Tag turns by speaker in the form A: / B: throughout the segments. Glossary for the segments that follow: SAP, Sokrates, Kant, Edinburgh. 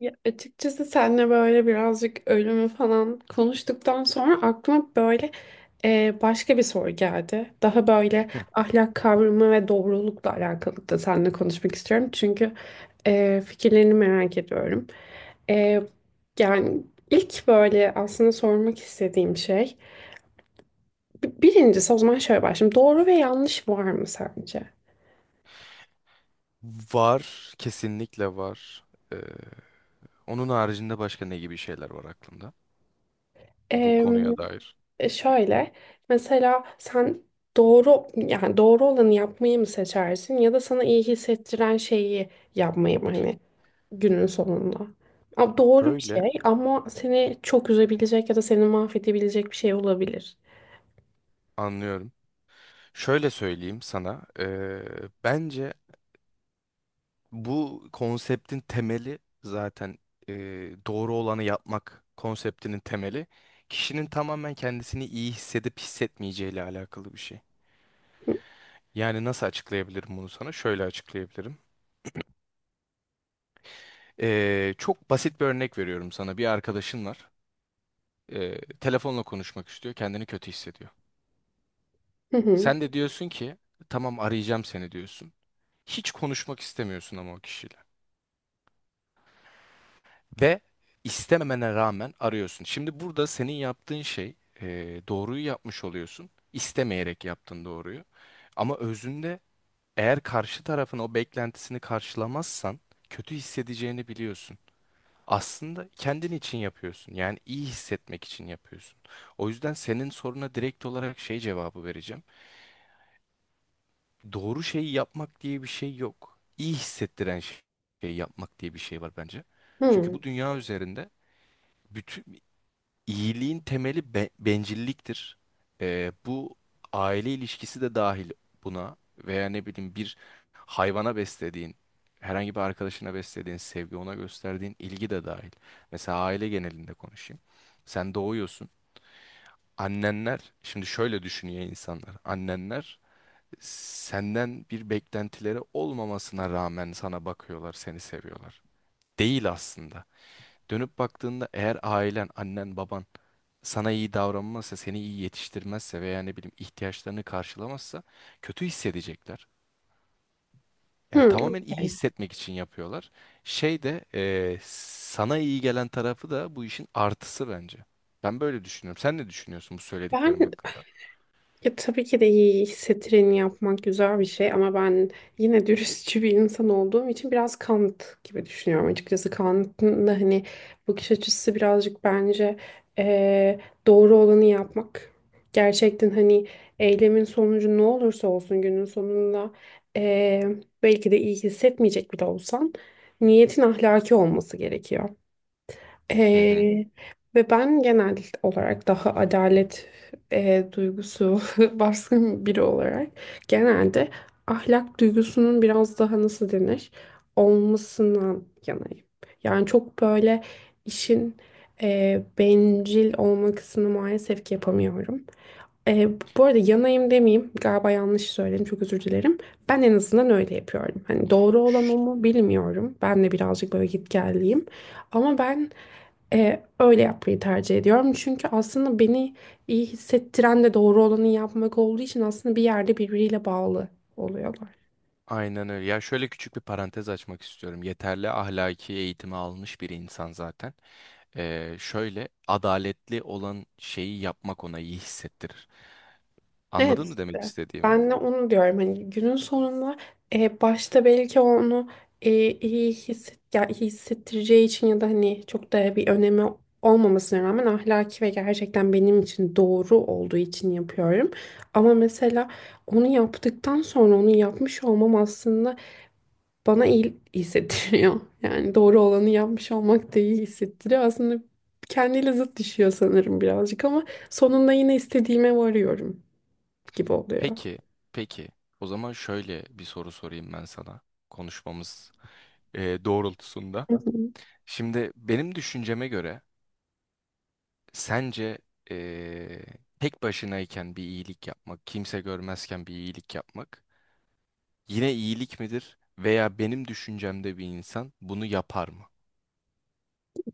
A: Ya açıkçası seninle böyle birazcık ölümü falan konuştuktan sonra aklıma böyle başka bir soru geldi. Daha böyle ahlak kavramı ve doğrulukla alakalı da seninle konuşmak istiyorum. Çünkü fikirlerini merak ediyorum. E, yani ilk böyle aslında sormak istediğim şey birincisi o zaman şöyle başlayayım. Doğru ve yanlış var mı sence?
B: Var, kesinlikle var. Ee, Onun haricinde başka ne gibi şeyler var aklımda bu
A: Em,
B: konuya dair?
A: şöyle mesela sen doğru yani doğru olanı yapmayı mı seçersin ya da sana iyi hissettiren şeyi yapmayı mı hani günün sonunda? Doğru bir
B: Şöyle
A: şey ama seni çok üzebilecek ya da seni mahvedebilecek bir şey olabilir.
B: anlıyorum. Şöyle söyleyeyim sana. Bence bu konseptin temeli zaten ee, doğru olanı yapmak konseptinin temeli kişinin tamamen kendisini iyi hissedip hissetmeyeceğiyle alakalı bir şey. Yani nasıl açıklayabilirim bunu sana? Şöyle açıklayabilirim. Çok basit bir örnek veriyorum sana. Bir arkadaşın var. Telefonla konuşmak istiyor, kendini kötü hissediyor.
A: Hı hı.
B: Sen de diyorsun ki tamam arayacağım seni diyorsun. Hiç konuşmak istemiyorsun ama o kişiyle. Ve istememene rağmen arıyorsun. Şimdi burada senin yaptığın şey e, doğruyu yapmış oluyorsun. İstemeyerek yaptın doğruyu. Ama özünde eğer karşı tarafın o beklentisini karşılamazsan kötü hissedeceğini biliyorsun. Aslında kendin için yapıyorsun. Yani iyi hissetmek için yapıyorsun. O yüzden senin soruna direkt olarak şey cevabı vereceğim. Doğru şeyi yapmak diye bir şey yok. Şeyi yapmak diye bir şey var bence. Çünkü
A: Hı.
B: bu dünya üzerinde bütün iyiliğin temeli bencilliktir. Bu aile ilişkisi de dahil buna, veya ne bileyim bir hayvana beslediğin, herhangi bir arkadaşına beslediğin sevgi, ona gösterdiğin ilgi de dahil. Mesela aile genelinde konuşayım. Sen doğuyorsun. Annenler, şimdi şöyle düşünüyor insanlar. Annenler senden bir beklentileri olmamasına rağmen sana bakıyorlar, seni seviyorlar. Değil aslında. Dönüp baktığında eğer ailen, annen, baban sana iyi davranmazsa, seni iyi yetiştirmezse veya ne bileyim ihtiyaçlarını karşılamazsa kötü hissedecekler. Yani
A: Hı,
B: tamamen iyi
A: okey.
B: hissetmek için yapıyorlar. Şey de sana iyi gelen tarafı da bu işin artısı bence. Ben böyle düşünüyorum. Sen ne düşünüyorsun bu
A: Ben
B: söylediklerim hakkında?
A: ya tabii ki de iyi hissettireni yapmak güzel bir şey ama ben yine dürüstçü bir insan olduğum için biraz Kant gibi düşünüyorum açıkçası. Kant'ın da hani bakış açısı birazcık bence eee, doğru olanı yapmak. Gerçekten hani eylemin sonucu ne olursa olsun günün sonunda eee, belki de iyi hissetmeyecek bile olsan niyetin ahlaki olması gerekiyor.
B: Hı hı.
A: Ee, ve ben genel olarak daha adalet duygusu baskın biri olarak genelde ahlak duygusunun biraz daha nasıl denir olmasından yanayım. Yani çok böyle işin bencil olma kısmını maalesef ki yapamıyorum. E, bu arada yanayım demeyeyim. Galiba yanlış söyledim. Çok özür dilerim. Ben en azından öyle yapıyorum. Hani doğru olan o mu bilmiyorum. Ben de birazcık böyle gitgelliyim. Ama ben öyle yapmayı tercih ediyorum. Çünkü aslında beni iyi hissettiren de doğru olanı yapmak olduğu için aslında bir yerde birbiriyle bağlı oluyorlar.
B: Aynen öyle. Ya şöyle küçük bir parantez açmak istiyorum. Yeterli ahlaki eğitimi almış bir insan zaten. Şöyle adaletli olan şeyi yapmak ona iyi hissettirir.
A: Evet
B: Anladın mı demek
A: işte.
B: istediğimi?
A: Ben de onu diyorum. Hani günün sonunda başta belki onu iyi hisset, ya iyi hissettireceği için ya da hani çok da bir önemi olmamasına rağmen ahlaki ve gerçekten benim için doğru olduğu için yapıyorum. Ama mesela onu yaptıktan sonra onu yapmış olmam aslında bana iyi hissettiriyor. Yani doğru olanı yapmış olmak da iyi hissettiriyor. Aslında kendiyle zıt düşüyor sanırım birazcık ama sonunda yine istediğime varıyorum gibi oluyor.
B: Peki, peki. O zaman şöyle bir soru sorayım ben sana konuşmamız doğrultusunda.
A: Hı hı.
B: Şimdi benim düşünceme göre sence e, tek başınayken bir iyilik yapmak, kimse görmezken bir iyilik yapmak yine iyilik midir? Veya benim düşüncemde bir insan bunu yapar mı?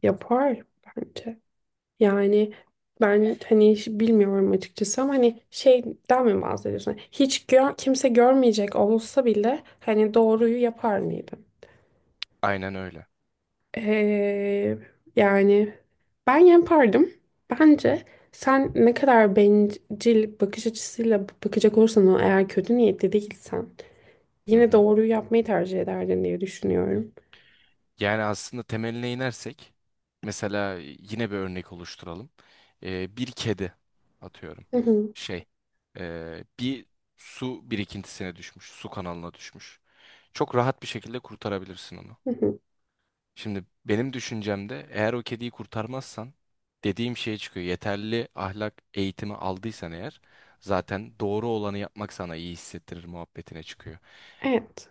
A: Yapar bence. Yani ben hani hiç bilmiyorum açıkçası ama hani şeyden mi bahsediyorsun? Hiç gör, kimse görmeyecek olsa bile hani doğruyu yapar mıydım?
B: Aynen öyle.
A: Ee, yani ben yapardım. Bence sen ne kadar bencil bakış açısıyla bakacak olursan o eğer kötü niyetli değilsen
B: Hı
A: yine
B: hı.
A: doğruyu yapmayı tercih ederdin diye düşünüyorum.
B: Yani aslında temeline inersek, mesela yine bir örnek oluşturalım. Bir kedi atıyorum.
A: Hı hı,
B: Şey, bir su birikintisine düşmüş, su kanalına düşmüş. Çok rahat bir şekilde kurtarabilirsin onu.
A: hı hı.
B: Şimdi benim düşüncemde eğer o kediyi kurtarmazsan dediğim şeye çıkıyor. Yeterli ahlak eğitimi aldıysan eğer zaten doğru olanı yapmak sana iyi hissettirir muhabbetine çıkıyor.
A: Evet.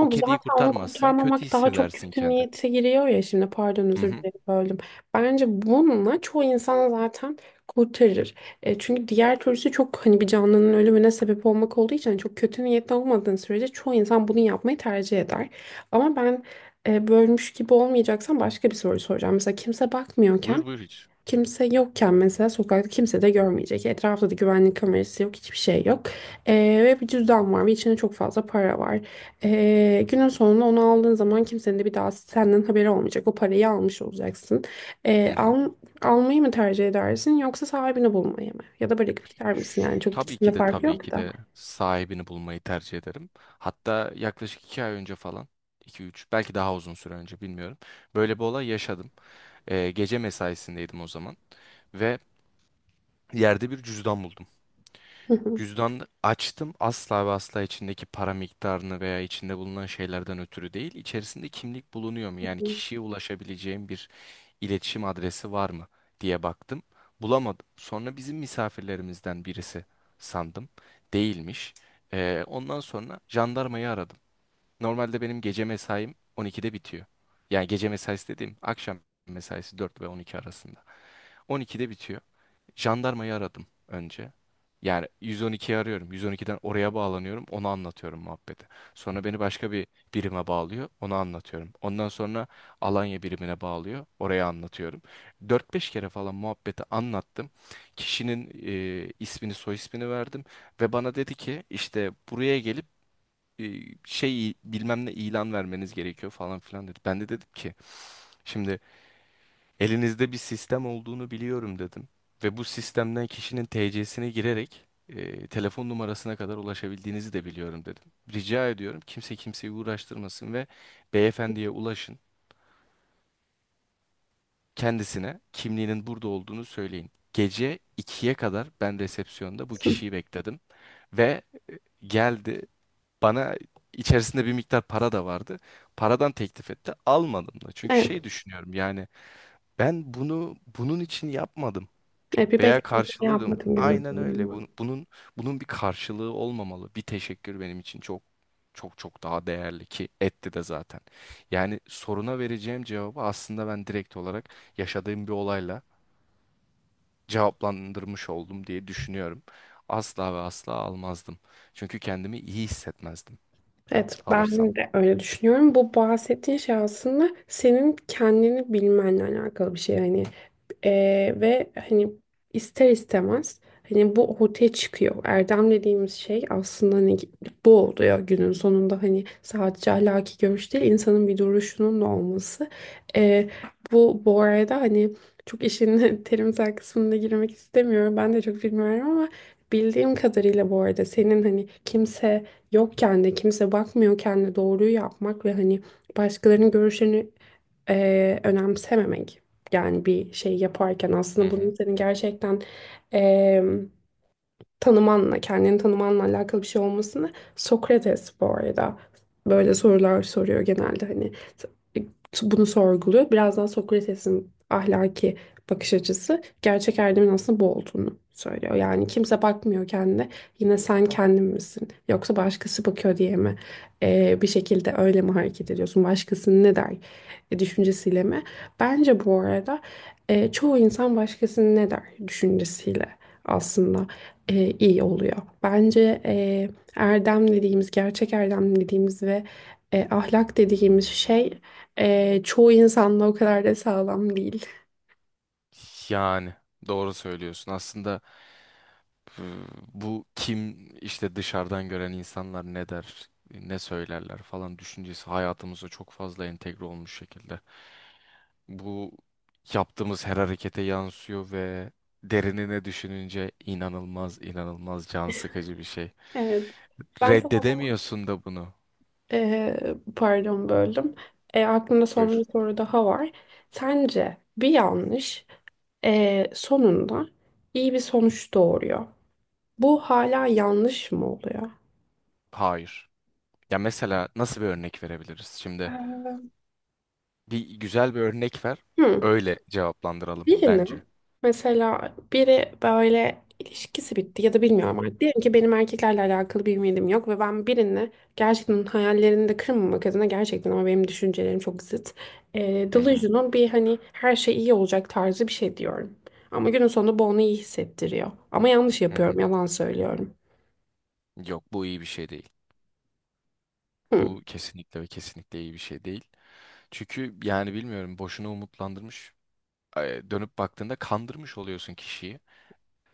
B: O
A: bu
B: kediyi
A: zaten onu
B: kurtarmazsan kötü
A: kurtarmamak daha çok
B: hissedersin
A: kötü
B: kendi.
A: niyete giriyor ya şimdi pardon
B: Hı
A: özür
B: hı.
A: dilerim böldüm. Bence bununla çoğu insan zaten kurtarır. Çünkü diğer türlüsü çok hani bir canlının ölümüne sebep olmak olduğu için hani çok kötü niyetli olmadığın sürece çoğu insan bunu yapmayı tercih eder. Ama ben bölmüş gibi olmayacaksam başka bir soru soracağım. Mesela kimse bakmıyorken
B: Buyur buyur hiç.
A: kimse yokken mesela sokakta kimse de görmeyecek. Etrafta da güvenlik kamerası yok, hiçbir şey yok. Ee, ve bir cüzdan var ve içinde çok fazla para var. Günün sonunda onu aldığın zaman kimsenin de bir daha senden haberi olmayacak. O parayı almış olacaksın. Ee,
B: Hı hı.
A: al- almayı mı tercih edersin yoksa sahibini bulmayı mı? Ya da bırakıp gider misin? Yani çok
B: Tabii
A: ikisinde
B: ki de
A: fark
B: tabii
A: yok
B: ki
A: da.
B: de sahibini bulmayı tercih ederim. Hatta yaklaşık 2 ay önce falan, 2 3 belki daha uzun süre önce bilmiyorum. Böyle bir olay yaşadım. Gece mesaisindeydim o zaman ve yerde bir cüzdan buldum. Cüzdan açtım asla ve asla içindeki para miktarını veya içinde bulunan şeylerden ötürü değil. İçerisinde kimlik bulunuyor mu? Yani kişiye ulaşabileceğim bir iletişim adresi var mı diye baktım. Bulamadım. Sonra bizim misafirlerimizden birisi sandım. Değilmiş. Ondan sonra jandarmayı aradım. Normalde benim gece mesaim 12'de bitiyor. Yani gece mesaisi dediğim akşam mesaisi 4 ve 12 arasında. 12'de bitiyor. Jandarmayı aradım önce. Yani 112'yi arıyorum. 112'den oraya bağlanıyorum. Onu anlatıyorum muhabbeti. Sonra beni başka bir birime bağlıyor. Onu anlatıyorum. Ondan sonra Alanya birimine bağlıyor. Oraya anlatıyorum. 4 5 kere falan muhabbeti anlattım. Kişinin ismini, soy ismini verdim. Ve bana dedi ki işte buraya gelip e, şey bilmem ne ilan vermeniz gerekiyor falan filan dedi. Ben de dedim ki şimdi elinizde bir sistem olduğunu biliyorum dedim. Ve bu sistemden kişinin TC'sine girerek telefon numarasına kadar ulaşabildiğinizi de biliyorum dedim. Rica ediyorum kimse kimseyi uğraştırmasın ve beyefendiye ulaşın. Kendisine kimliğinin burada olduğunu söyleyin. Gece ikiye kadar ben resepsiyonda bu kişiyi bekledim ve geldi bana, içerisinde bir miktar para da vardı. Paradan teklif etti. Almadım da. Çünkü
A: Evet,
B: şey düşünüyorum yani ben bunu bunun için yapmadım.
A: evet bir beklenti yapmadın günün
B: Aynen öyle.
A: sonunda.
B: Bunun bir karşılığı olmamalı. Bir teşekkür benim için çok çok daha değerli ki etti de zaten. Yani soruna vereceğim cevabı aslında ben direkt olarak yaşadığım bir olayla cevaplandırmış oldum diye düşünüyorum. Asla ve asla almazdım. Çünkü kendimi iyi hissetmezdim
A: Evet,
B: alırsam.
A: ben de öyle düşünüyorum. Bu bahsettiğin şey aslında senin kendini bilmenle alakalı bir şey. Yani ve hani ister istemez hani bu ortaya çıkıyor. Erdem dediğimiz şey aslında hani bu oluyor günün sonunda hani sadece ahlaki görüş değil insanın bir duruşunun da olması. Ee, bu bu arada hani çok işin terimsel kısmına girmek istemiyorum. Ben de çok bilmiyorum ama bildiğim kadarıyla bu arada senin hani kimse yokken de kimse bakmıyorken de doğruyu yapmak ve hani başkalarının görüşlerini önemsememek yani bir şey yaparken
B: Hı
A: aslında
B: hı.
A: bunun senin
B: Hı hı.
A: gerçekten em, tanımanla, kendini tanımanla alakalı bir şey olmasını Sokrates bu arada böyle sorular soruyor genelde hani t- bunu sorguluyor. Biraz daha Sokrates'in ahlaki bakış açısı gerçek erdemin aslında bu olduğunu söylüyor. Yani kimse bakmıyor kendine. Yine sen kendin misin? Yoksa başkası bakıyor diye mi? Bir şekilde öyle mi hareket ediyorsun? Başkasının ne der düşüncesiyle mi? Bence bu arada çoğu insan başkasının ne der düşüncesiyle aslında iyi oluyor. Bence erdem dediğimiz, gerçek erdem dediğimiz ve ahlak dediğimiz şey çoğu insanla o kadar da sağlam değil.
B: Yani doğru söylüyorsun. Aslında e, bu kim işte dışarıdan gören insanlar ne der, ne söylerler falan düşüncesi hayatımıza çok fazla entegre olmuş şekilde. Bu yaptığımız her harekete yansıyor ve derinine düşününce inanılmaz can sıkıcı bir şey.
A: Evet. Ben sana o zaman
B: Reddedemiyorsun da bunu.
A: pardon böldüm. Aklımda son bir
B: Buyur.
A: soru daha var. Sence bir yanlış sonunda iyi bir sonuç doğuruyor. Bu hala yanlış mı oluyor?
B: Hayır. Ya mesela nasıl bir örnek verebiliriz? Şimdi
A: Ee,
B: bir güzel bir örnek ver.
A: Hmm.
B: Öyle cevaplandıralım
A: Birini
B: bence.
A: mesela biri böyle ilişkisi bitti ya da bilmiyorum artık. Diyelim ki benim erkeklerle alakalı bir ümidim yok ve ben birini gerçekten hayallerini de kırmamak adına gerçekten ama benim düşüncelerim çok zıt.
B: Hı hı,
A: Delusional bir hani her şey iyi olacak tarzı bir şey diyorum. Ama günün sonunda bu onu iyi hissettiriyor. Ama yanlış
B: hı hı.
A: yapıyorum, yalan söylüyorum.
B: Yok bu iyi bir şey değil.
A: Hmm.
B: Bu kesinlikle ve kesinlikle iyi bir şey değil. Çünkü yani bilmiyorum boşuna umutlandırmış. Dönüp baktığında kandırmış oluyorsun kişiyi.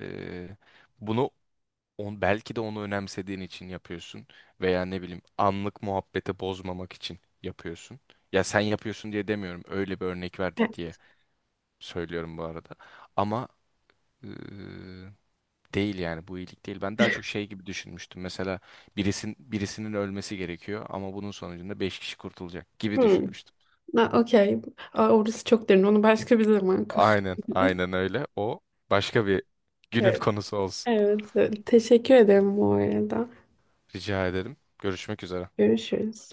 B: E, Bunu belki de onu önemsediğin için yapıyorsun. Veya ne bileyim anlık muhabbete bozmamak için yapıyorsun. Ya sen yapıyorsun diye demiyorum. Öyle bir örnek
A: E,
B: verdik diye söylüyorum bu arada. Ama değil yani bu iyilik değil. Ben daha çok şey gibi düşünmüştüm. Mesela birisinin ölmesi gerekiyor ama bunun sonucunda 5 kişi kurtulacak gibi
A: Hmm.
B: düşünmüştüm.
A: Ha, okey. Aa, orası çok derin. Onu başka bir zaman konuşuruz.
B: Aynen, aynen öyle. O başka bir günün
A: Evet.
B: konusu olsun.
A: Evet. Teşekkür ederim bu arada.
B: Rica ederim. Görüşmek üzere.
A: Görüşürüz.